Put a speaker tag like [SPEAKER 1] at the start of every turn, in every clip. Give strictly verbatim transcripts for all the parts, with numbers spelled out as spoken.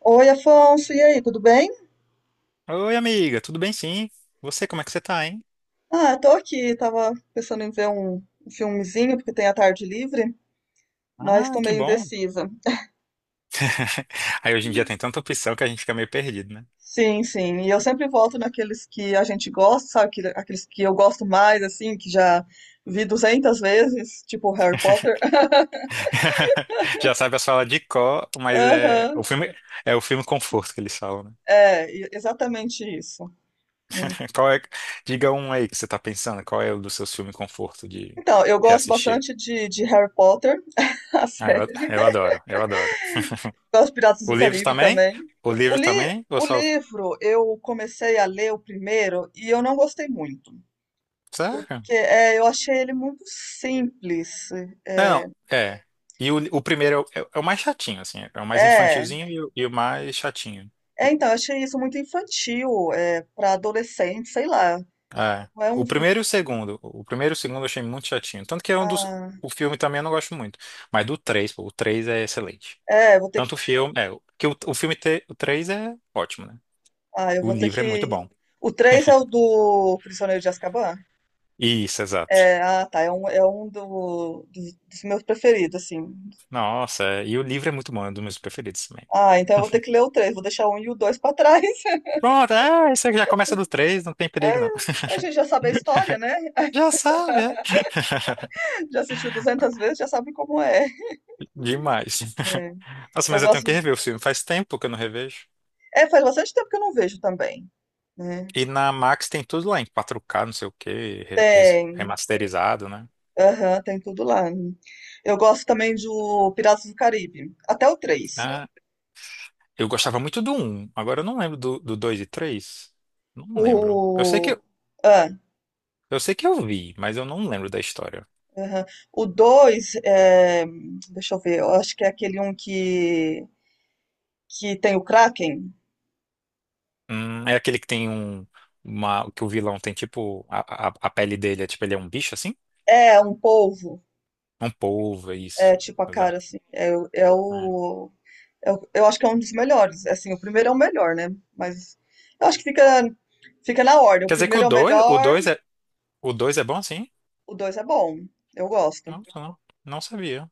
[SPEAKER 1] Oi, Afonso, e aí, tudo bem?
[SPEAKER 2] Oi, amiga, tudo bem sim? Você, como é que você tá, hein?
[SPEAKER 1] Ah, tô aqui, tava pensando em ver um um filmezinho, porque tem a tarde livre, mas
[SPEAKER 2] Ah,
[SPEAKER 1] tô
[SPEAKER 2] que
[SPEAKER 1] meio
[SPEAKER 2] bom.
[SPEAKER 1] indecisa.
[SPEAKER 2] Aí hoje em dia tem tanta opção que a gente fica meio perdido, né?
[SPEAKER 1] Sim, sim, e eu sempre volto naqueles que a gente gosta, sabe? Aquele- Aqueles que eu gosto mais, assim, que já vi duzentas vezes, tipo Harry Potter.
[SPEAKER 2] Já sabe as falas de cor, mas é o
[SPEAKER 1] Aham,
[SPEAKER 2] filme é o filme conforto que eles falam, né?
[SPEAKER 1] é, e- exatamente isso. Né?
[SPEAKER 2] Qual é, diga um aí que você tá pensando, qual é o dos seus filmes conforto de
[SPEAKER 1] Então, eu gosto
[SPEAKER 2] reassistir?
[SPEAKER 1] bastante de, de Harry Potter, a
[SPEAKER 2] Ah, eu,
[SPEAKER 1] série.
[SPEAKER 2] eu adoro, eu adoro.
[SPEAKER 1] Os Piratas
[SPEAKER 2] O
[SPEAKER 1] do
[SPEAKER 2] livro
[SPEAKER 1] Caribe
[SPEAKER 2] também?
[SPEAKER 1] também.
[SPEAKER 2] O
[SPEAKER 1] O,
[SPEAKER 2] livro
[SPEAKER 1] li-
[SPEAKER 2] também? Ou
[SPEAKER 1] o
[SPEAKER 2] só...
[SPEAKER 1] livro, eu comecei a ler o primeiro e eu não gostei muito,
[SPEAKER 2] Sério?
[SPEAKER 1] porque é, eu achei ele muito simples.
[SPEAKER 2] É,
[SPEAKER 1] É,
[SPEAKER 2] não, é. E o, o primeiro é, o é é o mais chatinho, assim. É o mais
[SPEAKER 1] é,
[SPEAKER 2] infantilzinho e o, e o mais chatinho. O-
[SPEAKER 1] é, então, eu achei isso muito infantil, é, para adolescente, sei lá.
[SPEAKER 2] É.
[SPEAKER 1] Não é, um,
[SPEAKER 2] O
[SPEAKER 1] um-
[SPEAKER 2] primeiro e o segundo. O primeiro e o segundo eu achei muito chatinho. Tanto que é um dos.
[SPEAKER 1] ah,
[SPEAKER 2] O filme também eu não gosto muito. Mas do três, pô, o três é excelente.
[SPEAKER 1] é, vou ter que,
[SPEAKER 2] Tanto o filme. É, que o, o filme te, o três é ótimo, né?
[SPEAKER 1] ah, eu
[SPEAKER 2] O
[SPEAKER 1] vou ter
[SPEAKER 2] livro é muito
[SPEAKER 1] que.
[SPEAKER 2] bom.
[SPEAKER 1] O três é o do Prisioneiro de Azkaban?
[SPEAKER 2] Isso, exato.
[SPEAKER 1] É, ah, tá, é um, é um do- dos, dos meus preferidos, assim.
[SPEAKER 2] Nossa, é, e o livro é muito bom, é um dos meus preferidos também.
[SPEAKER 1] Ah, então eu vou ter que ler o três, vou deixar o um e o dois pra trás.
[SPEAKER 2] Pronto, é, isso aí já começa do três, não tem perigo, não.
[SPEAKER 1] A gente já sabe a história, né?
[SPEAKER 2] Já sabe, é.
[SPEAKER 1] Já assistiu duzentas vezes, já sabe como é.
[SPEAKER 2] Demais.
[SPEAKER 1] É.
[SPEAKER 2] Nossa,
[SPEAKER 1] Eu
[SPEAKER 2] mas eu tenho
[SPEAKER 1] gosto.
[SPEAKER 2] que rever o filme. Faz tempo que eu não revejo.
[SPEAKER 1] É, faz bastante tempo que eu não vejo também, né?
[SPEAKER 2] E na Max tem tudo lá em quatro K, não sei o quê, re- res-
[SPEAKER 1] Tem,
[SPEAKER 2] remasterizado, né?
[SPEAKER 1] aham, tem tudo lá. Eu gosto também do Piratas do Caribe, até o três.
[SPEAKER 2] Ah, eu gostava muito do um. Agora eu não lembro do, do dois e três. Não lembro. Eu sei que,
[SPEAKER 1] O.
[SPEAKER 2] eu
[SPEAKER 1] Ah,
[SPEAKER 2] eu sei que eu vi, mas eu não lembro da história.
[SPEAKER 1] aham. O dois é... deixa eu ver, eu acho que é aquele um que, que tem o Kraken.
[SPEAKER 2] Hum, é aquele que tem um. Uma, que o vilão tem tipo. A, a, a pele dele é tipo, ele é um bicho assim?
[SPEAKER 1] É um polvo,
[SPEAKER 2] Um polvo, é
[SPEAKER 1] é
[SPEAKER 2] isso.
[SPEAKER 1] tipo a cara
[SPEAKER 2] Exato.
[SPEAKER 1] assim. É, o- é
[SPEAKER 2] É.
[SPEAKER 1] o. Eu, eu acho que é um dos melhores. Assim, o primeiro é o melhor, né? Mas eu acho que fica, fica na ordem. O
[SPEAKER 2] Quer dizer que o
[SPEAKER 1] primeiro é o
[SPEAKER 2] dois o
[SPEAKER 1] melhor,
[SPEAKER 2] dois é, o dois é bom assim?
[SPEAKER 1] o dois é bom. Eu gosto.
[SPEAKER 2] Não, não, não sabia.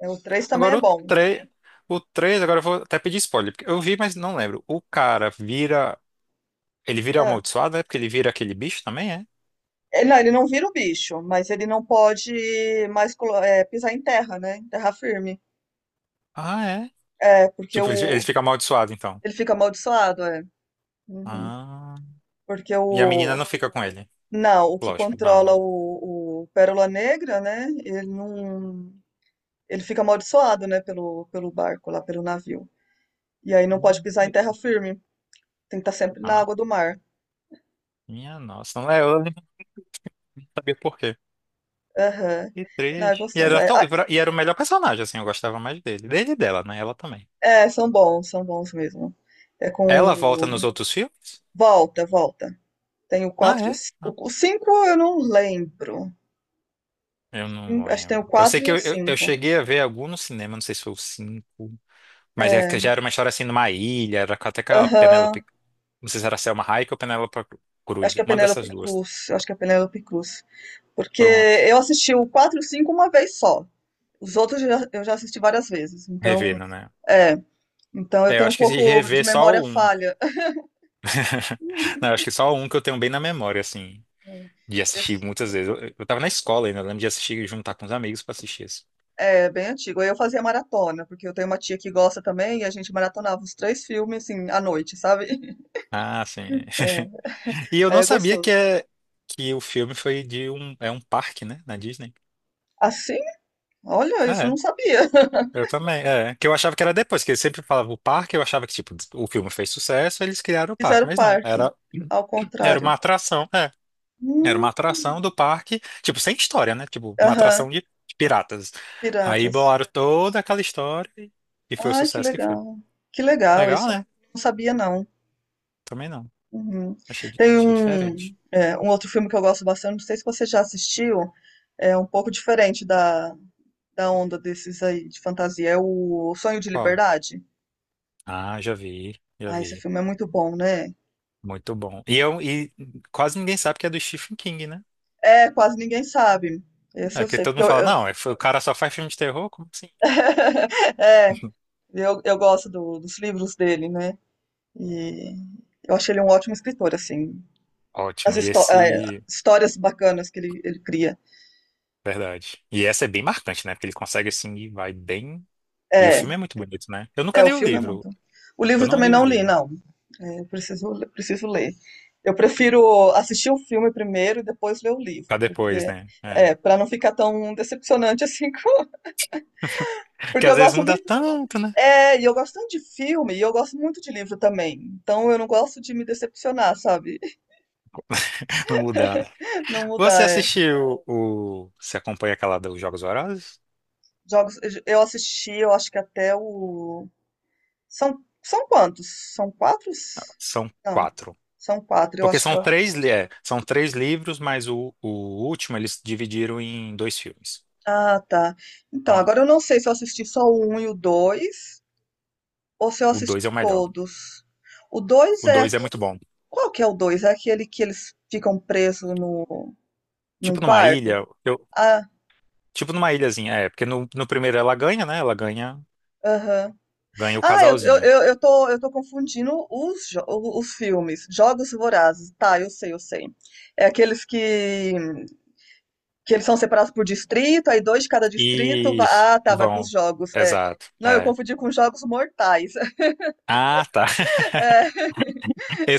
[SPEAKER 1] É, o três também é
[SPEAKER 2] Agora o
[SPEAKER 1] bom.
[SPEAKER 2] três o três agora eu vou até pedir spoiler, porque eu vi, mas não lembro. O cara vira, ele vira
[SPEAKER 1] É.
[SPEAKER 2] amaldiçoado, é? Porque ele vira aquele bicho também, é?
[SPEAKER 1] Ele, não, ele não vira o bicho, mas ele não pode mais colo- é, pisar em terra, né? Em terra firme.
[SPEAKER 2] Ah, é?
[SPEAKER 1] É, porque
[SPEAKER 2] Tipo, ele ele
[SPEAKER 1] o,
[SPEAKER 2] fica amaldiçoado, então.
[SPEAKER 1] ele fica amaldiçoado, é. Uhum.
[SPEAKER 2] Ah,
[SPEAKER 1] Porque
[SPEAKER 2] e a menina
[SPEAKER 1] o.
[SPEAKER 2] não fica com ele.
[SPEAKER 1] Não, o que
[SPEAKER 2] Lógico, não,
[SPEAKER 1] controla
[SPEAKER 2] não.
[SPEAKER 1] o, o Pérola Negra, né? Ele não. Ele fica amaldiçoado, né? Pelo, pelo barco lá, pelo navio. E aí não pode
[SPEAKER 2] Hum.
[SPEAKER 1] pisar em terra firme. Tem que estar sempre na
[SPEAKER 2] Ah,
[SPEAKER 1] água do mar.
[SPEAKER 2] minha nossa, não é, eu nem sabia por quê.
[SPEAKER 1] Aham.
[SPEAKER 2] E
[SPEAKER 1] Não, é
[SPEAKER 2] três. E
[SPEAKER 1] gostoso.
[SPEAKER 2] era
[SPEAKER 1] É,
[SPEAKER 2] tão,
[SPEAKER 1] ah,
[SPEAKER 2] e era o melhor personagem, assim, eu gostava mais dele. Dele e dela, né? Ela também.
[SPEAKER 1] é, são bons, são bons mesmo. É com.
[SPEAKER 2] Ela volta
[SPEAKER 1] o-
[SPEAKER 2] nos outros filmes?
[SPEAKER 1] Volta, volta. Tem o
[SPEAKER 2] Ah,
[SPEAKER 1] quatro e o
[SPEAKER 2] é? Ah.
[SPEAKER 1] cinco. O cinco eu não lembro.
[SPEAKER 2] Eu
[SPEAKER 1] Cin-
[SPEAKER 2] não
[SPEAKER 1] Acho que tem o
[SPEAKER 2] lembro. Eu sei
[SPEAKER 1] quatro e
[SPEAKER 2] que
[SPEAKER 1] o
[SPEAKER 2] eu, eu, eu
[SPEAKER 1] cinco.
[SPEAKER 2] cheguei a ver algum no cinema, não sei se foi o cinco. Mas é
[SPEAKER 1] É.
[SPEAKER 2] que já era uma história assim numa ilha, era com- até aquela
[SPEAKER 1] Aham.
[SPEAKER 2] Penélope. Não sei se era Selma Hayek ou Penélope
[SPEAKER 1] Acho
[SPEAKER 2] Cruz.
[SPEAKER 1] que é
[SPEAKER 2] Uma dessas
[SPEAKER 1] Penélope
[SPEAKER 2] duas.
[SPEAKER 1] Cruz. Acho que é Penélope Cruz. Porque
[SPEAKER 2] Pronto.
[SPEAKER 1] eu assisti o quatro e o cinco uma vez só. Os outros eu já eu já assisti várias vezes. Então,
[SPEAKER 2] Revendo, né?
[SPEAKER 1] é. Então eu
[SPEAKER 2] É, eu
[SPEAKER 1] tenho um
[SPEAKER 2] acho que se
[SPEAKER 1] pouco de
[SPEAKER 2] rever
[SPEAKER 1] memória
[SPEAKER 2] só um.
[SPEAKER 1] falha.
[SPEAKER 2] Não, eu acho que só um que eu tenho bem na memória, assim. De
[SPEAKER 1] É.
[SPEAKER 2] assistir muitas vezes. Eu, eu tava na escola ainda, eu lembro de assistir, e juntar com os amigos pra assistir isso.
[SPEAKER 1] É, bem antigo. Eu fazia maratona, porque eu tenho uma tia que gosta também, e a gente maratonava os três filmes, assim, à noite, sabe?
[SPEAKER 2] Ah, sim.
[SPEAKER 1] É,
[SPEAKER 2] E eu
[SPEAKER 1] aí
[SPEAKER 2] não
[SPEAKER 1] é
[SPEAKER 2] sabia que,
[SPEAKER 1] gostoso.
[SPEAKER 2] é, que o filme foi de um. É um parque, né? Na Disney.
[SPEAKER 1] Assim? Olha,
[SPEAKER 2] Ah,
[SPEAKER 1] isso eu não
[SPEAKER 2] é.
[SPEAKER 1] sabia.
[SPEAKER 2] Eu também, é. Que eu achava que era depois, que eles sempre falavam o parque, eu achava que, tipo, o filme fez sucesso, eles criaram o parque,
[SPEAKER 1] Fizeram
[SPEAKER 2] mas não,
[SPEAKER 1] parque,
[SPEAKER 2] era,
[SPEAKER 1] ao
[SPEAKER 2] era
[SPEAKER 1] contrário.
[SPEAKER 2] uma atração, é. Era
[SPEAKER 1] Hum.
[SPEAKER 2] uma atração do parque, tipo, sem história, né? Tipo, uma
[SPEAKER 1] Aham,
[SPEAKER 2] atração de de piratas. Aí
[SPEAKER 1] piratas.
[SPEAKER 2] bolaram toda aquela história e e foi o
[SPEAKER 1] Ai, que
[SPEAKER 2] sucesso que foi.
[SPEAKER 1] legal. Que legal,
[SPEAKER 2] Legal,
[SPEAKER 1] isso eu
[SPEAKER 2] né?
[SPEAKER 1] não sabia, não.
[SPEAKER 2] Também não.
[SPEAKER 1] Uhum.
[SPEAKER 2] Achei, di-
[SPEAKER 1] Tem
[SPEAKER 2] achei
[SPEAKER 1] um,
[SPEAKER 2] diferente.
[SPEAKER 1] é, um outro filme que eu gosto bastante, não sei se você já assistiu, é um pouco diferente da, da onda desses aí de fantasia, é o Sonho de
[SPEAKER 2] Qual?
[SPEAKER 1] Liberdade.
[SPEAKER 2] Ah, já vi, já
[SPEAKER 1] Ah, esse
[SPEAKER 2] vi.
[SPEAKER 1] filme é muito bom, né?
[SPEAKER 2] Muito bom. E, eu, e quase ninguém sabe que é do Stephen King, né?
[SPEAKER 1] É, quase ninguém sabe. Esse
[SPEAKER 2] É,
[SPEAKER 1] eu
[SPEAKER 2] porque
[SPEAKER 1] sei,
[SPEAKER 2] todo
[SPEAKER 1] porque
[SPEAKER 2] mundo
[SPEAKER 1] eu,
[SPEAKER 2] fala,
[SPEAKER 1] eu-
[SPEAKER 2] não, é- o cara só faz filme de terror? Como assim?
[SPEAKER 1] É, eu, eu gosto do- dos livros dele, né? E eu acho ele um ótimo escritor, assim. As
[SPEAKER 2] Ótimo. E
[SPEAKER 1] histó- é,
[SPEAKER 2] esse.
[SPEAKER 1] histórias bacanas que ele, ele cria.
[SPEAKER 2] Verdade. E essa é bem marcante, né? Porque ele consegue assim e vai bem. E o
[SPEAKER 1] É,
[SPEAKER 2] filme é muito bonito, né? Eu nunca
[SPEAKER 1] é, o
[SPEAKER 2] li o
[SPEAKER 1] filme é
[SPEAKER 2] livro.
[SPEAKER 1] muito. O
[SPEAKER 2] Eu
[SPEAKER 1] livro
[SPEAKER 2] não
[SPEAKER 1] também
[SPEAKER 2] li o
[SPEAKER 1] não li,
[SPEAKER 2] livro.
[SPEAKER 1] não. É, eu preciso, le- preciso ler. Eu prefiro assistir o filme primeiro e depois ler o
[SPEAKER 2] Pra
[SPEAKER 1] livro,
[SPEAKER 2] depois,
[SPEAKER 1] porque
[SPEAKER 2] né? É.
[SPEAKER 1] é, para não ficar tão decepcionante assim, com-
[SPEAKER 2] Que
[SPEAKER 1] porque eu
[SPEAKER 2] às vezes
[SPEAKER 1] gosto
[SPEAKER 2] muda
[SPEAKER 1] muito.
[SPEAKER 2] tanto, né?
[SPEAKER 1] É, e eu gosto tanto de filme e eu gosto muito de livro também. Então eu não gosto de me decepcionar, sabe?
[SPEAKER 2] Não mudar, né?
[SPEAKER 1] Não mudar,
[SPEAKER 2] Você
[SPEAKER 1] é.
[SPEAKER 2] assistiu o. Você acompanha aquela dos Jogos Vorazes?
[SPEAKER 1] Jogos, eu assisti, eu acho que até o. São, são quantos? São quatro?
[SPEAKER 2] São
[SPEAKER 1] Não,
[SPEAKER 2] quatro.
[SPEAKER 1] são quatro, eu
[SPEAKER 2] Porque
[SPEAKER 1] acho que
[SPEAKER 2] são
[SPEAKER 1] eu.
[SPEAKER 2] três, li- é, são três livros, mas o, o último eles dividiram em dois filmes.
[SPEAKER 1] Ah, tá. Então,
[SPEAKER 2] Então,
[SPEAKER 1] agora eu não sei se eu assisti só o um e o dois, ou se eu
[SPEAKER 2] o
[SPEAKER 1] assisti
[SPEAKER 2] dois é o melhor.
[SPEAKER 1] todos. O dois
[SPEAKER 2] O
[SPEAKER 1] é.
[SPEAKER 2] dois é
[SPEAKER 1] aque-
[SPEAKER 2] muito bom.
[SPEAKER 1] Qual que é o dois? É aquele que eles ficam presos no, num
[SPEAKER 2] Tipo numa
[SPEAKER 1] quarto?
[SPEAKER 2] ilha. Eu,
[SPEAKER 1] Ah,
[SPEAKER 2] tipo numa ilhazinha, é. Porque no, no primeiro ela ganha, né? Ela ganha.
[SPEAKER 1] aham.
[SPEAKER 2] Ganha o
[SPEAKER 1] Ah, eu, eu,
[SPEAKER 2] casalzinho.
[SPEAKER 1] eu, eu tô, eu tô confundindo os, jo- os filmes. Jogos Vorazes. Tá, eu sei, eu sei. É aqueles que, que eles são separados por distrito, aí dois de cada distrito. va-
[SPEAKER 2] Isso.
[SPEAKER 1] Ah, tá, vai pros
[SPEAKER 2] Vão.
[SPEAKER 1] jogos. É.
[SPEAKER 2] Exato.
[SPEAKER 1] Não, eu
[SPEAKER 2] É.
[SPEAKER 1] confundi com Jogos Mortais.
[SPEAKER 2] Ah, tá.
[SPEAKER 1] É,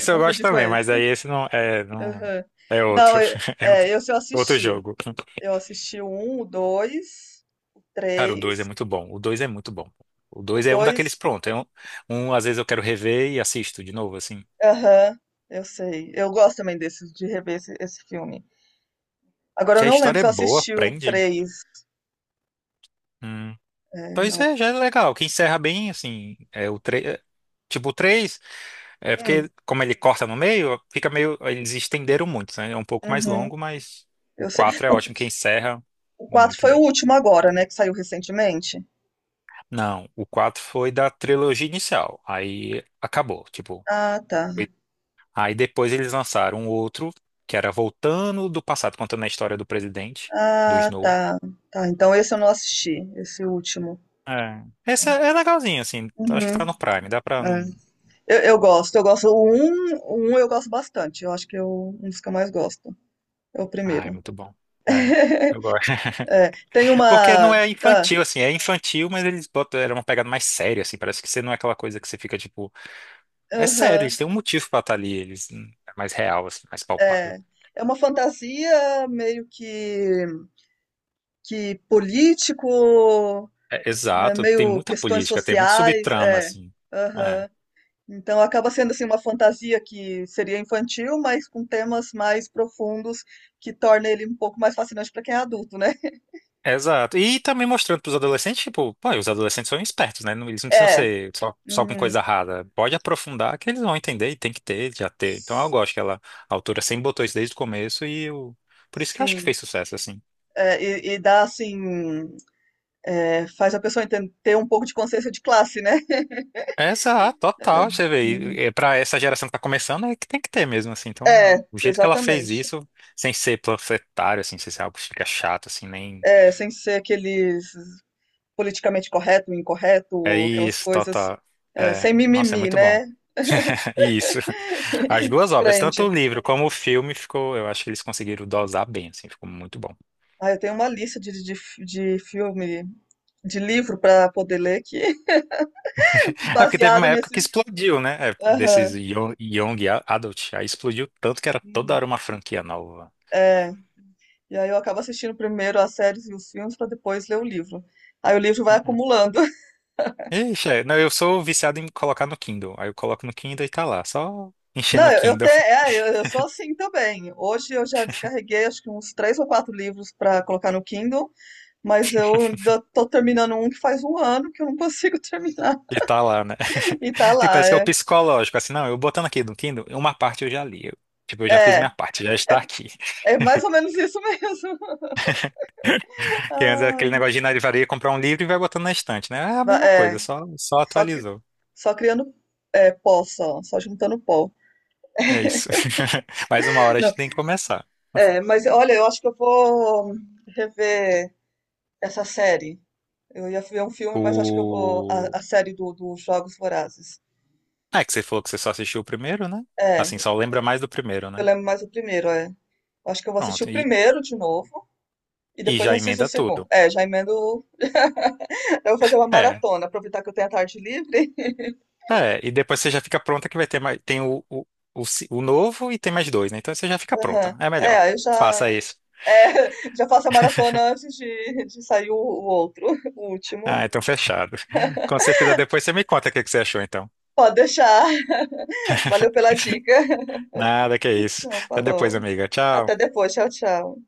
[SPEAKER 1] eu
[SPEAKER 2] eu gosto
[SPEAKER 1] confundi com
[SPEAKER 2] também, mas aí
[SPEAKER 1] esse.
[SPEAKER 2] esse não é, não
[SPEAKER 1] Uhum.
[SPEAKER 2] é
[SPEAKER 1] Não,
[SPEAKER 2] outro.
[SPEAKER 1] é,
[SPEAKER 2] É
[SPEAKER 1] é,
[SPEAKER 2] outro,
[SPEAKER 1] esse eu
[SPEAKER 2] outro
[SPEAKER 1] assisti.
[SPEAKER 2] jogo.
[SPEAKER 1] Eu assisti o um, o dois, o
[SPEAKER 2] Cara, o dois é
[SPEAKER 1] três,
[SPEAKER 2] muito bom. O dois é muito bom. O
[SPEAKER 1] o
[SPEAKER 2] dois é um daqueles
[SPEAKER 1] dois.
[SPEAKER 2] pronto. É um, um, às vezes eu quero rever e assisto de novo, assim.
[SPEAKER 1] Aham, eu sei. Eu gosto também desses, de rever esse, esse filme. Agora eu
[SPEAKER 2] Que a
[SPEAKER 1] não lembro
[SPEAKER 2] história é
[SPEAKER 1] se eu
[SPEAKER 2] boa,
[SPEAKER 1] assisti o
[SPEAKER 2] prende.
[SPEAKER 1] três.
[SPEAKER 2] Hum.
[SPEAKER 1] É,
[SPEAKER 2] Pois
[SPEAKER 1] não.
[SPEAKER 2] é, já é legal. Que encerra bem, assim. É o três. Tipo, o três. É
[SPEAKER 1] Hum,
[SPEAKER 2] porque, como ele corta no meio, fica meio. Eles estenderam muito, né? É um pouco mais
[SPEAKER 1] uhum,
[SPEAKER 2] longo, mas o
[SPEAKER 1] eu sei.
[SPEAKER 2] quatro é
[SPEAKER 1] O,
[SPEAKER 2] ótimo, que encerra
[SPEAKER 1] o quatro
[SPEAKER 2] muito
[SPEAKER 1] foi o
[SPEAKER 2] bem.
[SPEAKER 1] último agora, né? Que saiu recentemente.
[SPEAKER 2] Não, o quatro foi da trilogia inicial. Aí acabou, tipo.
[SPEAKER 1] Ah, tá.
[SPEAKER 2] Foi- Aí depois eles lançaram um outro, que era voltando do passado, contando a história do presidente, do
[SPEAKER 1] Ah,
[SPEAKER 2] Snow.
[SPEAKER 1] tá. Tá, então esse eu não assisti, esse último.
[SPEAKER 2] É. Esse é é legalzinho, assim.
[SPEAKER 1] Uhum,
[SPEAKER 2] Acho que tá no Prime, dá pra.
[SPEAKER 1] é.
[SPEAKER 2] Não-
[SPEAKER 1] Eu, eu gosto, eu gosto. O um o um eu gosto bastante. Eu acho que eu um dos que eu mais gosto. É o
[SPEAKER 2] Ah, é
[SPEAKER 1] primeiro.
[SPEAKER 2] muito bom. É. Eu gosto.
[SPEAKER 1] É, tem
[SPEAKER 2] Porque
[SPEAKER 1] uma.
[SPEAKER 2] não é
[SPEAKER 1] Ah,
[SPEAKER 2] infantil, assim, é infantil, mas eles botam, era uma pegada mais séria, assim, parece que você não é aquela coisa que você fica, tipo, é sério, eles
[SPEAKER 1] aham,
[SPEAKER 2] têm um motivo pra estar ali, eles, hum, é mais real, assim, mais palpável.
[SPEAKER 1] é. É uma fantasia meio que, que político,
[SPEAKER 2] É,
[SPEAKER 1] né,
[SPEAKER 2] exato, tem
[SPEAKER 1] meio
[SPEAKER 2] muita
[SPEAKER 1] questões
[SPEAKER 2] política, tem muito
[SPEAKER 1] sociais,
[SPEAKER 2] subtrama,
[SPEAKER 1] é.
[SPEAKER 2] assim, é.
[SPEAKER 1] Aham. Então acaba sendo assim uma fantasia que seria infantil, mas com temas mais profundos que torna ele um pouco mais fascinante para quem é adulto, né?
[SPEAKER 2] Exato. E também mostrando pros adolescentes, tipo, pô, os adolescentes são espertos, né? Não- Eles não precisam
[SPEAKER 1] É.
[SPEAKER 2] ser só, só com
[SPEAKER 1] Uhum.
[SPEAKER 2] coisa rara. Pode aprofundar que eles vão entender e tem que ter, já ter. Então eu
[SPEAKER 1] S-
[SPEAKER 2] gosto que ela, a autora sempre botou isso desde o começo e eu, por isso que eu acho que
[SPEAKER 1] Sim.
[SPEAKER 2] fez sucesso, assim.
[SPEAKER 1] É, e, e dá assim, é, faz a pessoa enten- ter um pouco de consciência de classe, né?
[SPEAKER 2] Exato, total, você
[SPEAKER 1] Uhum.
[SPEAKER 2] vê, para essa geração que tá começando, é que tem que ter mesmo, assim, então,
[SPEAKER 1] É,
[SPEAKER 2] o jeito que ela fez
[SPEAKER 1] exatamente.
[SPEAKER 2] isso, sem ser panfletário, assim, sem ser algo que fica chato, assim, nem,
[SPEAKER 1] É, sem ser aqueles politicamente correto,
[SPEAKER 2] é
[SPEAKER 1] incorreto, aquelas
[SPEAKER 2] isso,
[SPEAKER 1] coisas,
[SPEAKER 2] total,
[SPEAKER 1] é,
[SPEAKER 2] é,
[SPEAKER 1] sem
[SPEAKER 2] nossa, é
[SPEAKER 1] mimimi,
[SPEAKER 2] muito bom,
[SPEAKER 1] né?
[SPEAKER 2] isso, as duas obras, tanto
[SPEAKER 1] Prende.
[SPEAKER 2] o livro como o filme, ficou, eu acho que eles conseguiram dosar bem, assim, ficou muito bom,
[SPEAKER 1] Ah, eu tenho uma lista de, de, fi- de filme, de livro para poder ler que
[SPEAKER 2] é porque teve uma
[SPEAKER 1] baseado
[SPEAKER 2] época
[SPEAKER 1] nesses.
[SPEAKER 2] que explodiu, né, é, desses
[SPEAKER 1] Aham.
[SPEAKER 2] young, young adult, aí explodiu tanto que era toda
[SPEAKER 1] Uhum.
[SPEAKER 2] hora uma franquia nova.
[SPEAKER 1] É. E aí eu acabo assistindo primeiro as séries e os filmes para depois ler o livro. Aí o livro vai
[SPEAKER 2] É.
[SPEAKER 1] acumulando.
[SPEAKER 2] Ixi, é. Não, eu sou viciado em colocar no Kindle. Aí eu coloco no Kindle e tá lá, só enchendo
[SPEAKER 1] Não,
[SPEAKER 2] o
[SPEAKER 1] eu, eu, te,
[SPEAKER 2] Kindle
[SPEAKER 1] é, eu, eu sou assim também. Hoje eu já descarreguei acho que uns três ou quatro livros para colocar no Kindle, mas eu ainda tô terminando um que faz um ano que eu não consigo terminar.
[SPEAKER 2] e tá lá, né?
[SPEAKER 1] E tá
[SPEAKER 2] E
[SPEAKER 1] lá,
[SPEAKER 2] parece que é o
[SPEAKER 1] é.
[SPEAKER 2] psicológico, assim, não, eu botando aqui no Kindle, uma parte eu já li. Eu, tipo, eu já fiz
[SPEAKER 1] É,
[SPEAKER 2] minha parte, já está aqui.
[SPEAKER 1] é mais ou menos isso mesmo.
[SPEAKER 2] Que antes era aquele
[SPEAKER 1] Ai.
[SPEAKER 2] negócio de ir na livraria comprar um livro e vai botando na estante, né? É a
[SPEAKER 1] Va-
[SPEAKER 2] mesma
[SPEAKER 1] É.
[SPEAKER 2] coisa, só, só
[SPEAKER 1] Só, cri-
[SPEAKER 2] atualizou.
[SPEAKER 1] só criando, é, pó, só, só juntando pó.
[SPEAKER 2] É isso. Mais uma hora a
[SPEAKER 1] Não,
[SPEAKER 2] gente tem que começar.
[SPEAKER 1] é, mas olha, eu acho que eu vou rever essa série. Eu ia ver um filme, mas acho que eu vou.
[SPEAKER 2] O...
[SPEAKER 1] A, a série do, dos Jogos Vorazes.
[SPEAKER 2] Ah, é que você falou que você só assistiu o primeiro, né?
[SPEAKER 1] É,
[SPEAKER 2] Assim, só lembra mais do primeiro,
[SPEAKER 1] eu
[SPEAKER 2] né?
[SPEAKER 1] lembro mais o primeiro, é. Eu acho que eu vou assistir
[SPEAKER 2] Pronto,
[SPEAKER 1] o
[SPEAKER 2] e,
[SPEAKER 1] primeiro de novo e
[SPEAKER 2] e
[SPEAKER 1] depois eu
[SPEAKER 2] já
[SPEAKER 1] assisto o
[SPEAKER 2] emenda
[SPEAKER 1] segundo.
[SPEAKER 2] tudo.
[SPEAKER 1] É, já emendo. o- Eu vou fazer uma
[SPEAKER 2] É.
[SPEAKER 1] maratona, aproveitar que eu tenho a tarde livre.
[SPEAKER 2] É, e depois você já fica pronta que vai ter mais, tem o, o, o, ci- o novo e tem mais dois, né? Então você já fica
[SPEAKER 1] Aham.
[SPEAKER 2] pronta. É
[SPEAKER 1] É,
[SPEAKER 2] melhor.
[SPEAKER 1] aí eu já,
[SPEAKER 2] Faça isso.
[SPEAKER 1] é, já faço a maratona antes de, de sair o o outro, o último.
[SPEAKER 2] Ah, então fechado. Quando você fizer depois, você me conta o que que você achou, então.
[SPEAKER 1] Pode deixar. Valeu pela dica.
[SPEAKER 2] Nada, que é isso.
[SPEAKER 1] Não,
[SPEAKER 2] Até depois,
[SPEAKER 1] falou.
[SPEAKER 2] amiga. Tchau.
[SPEAKER 1] Até depois. Tchau, tchau.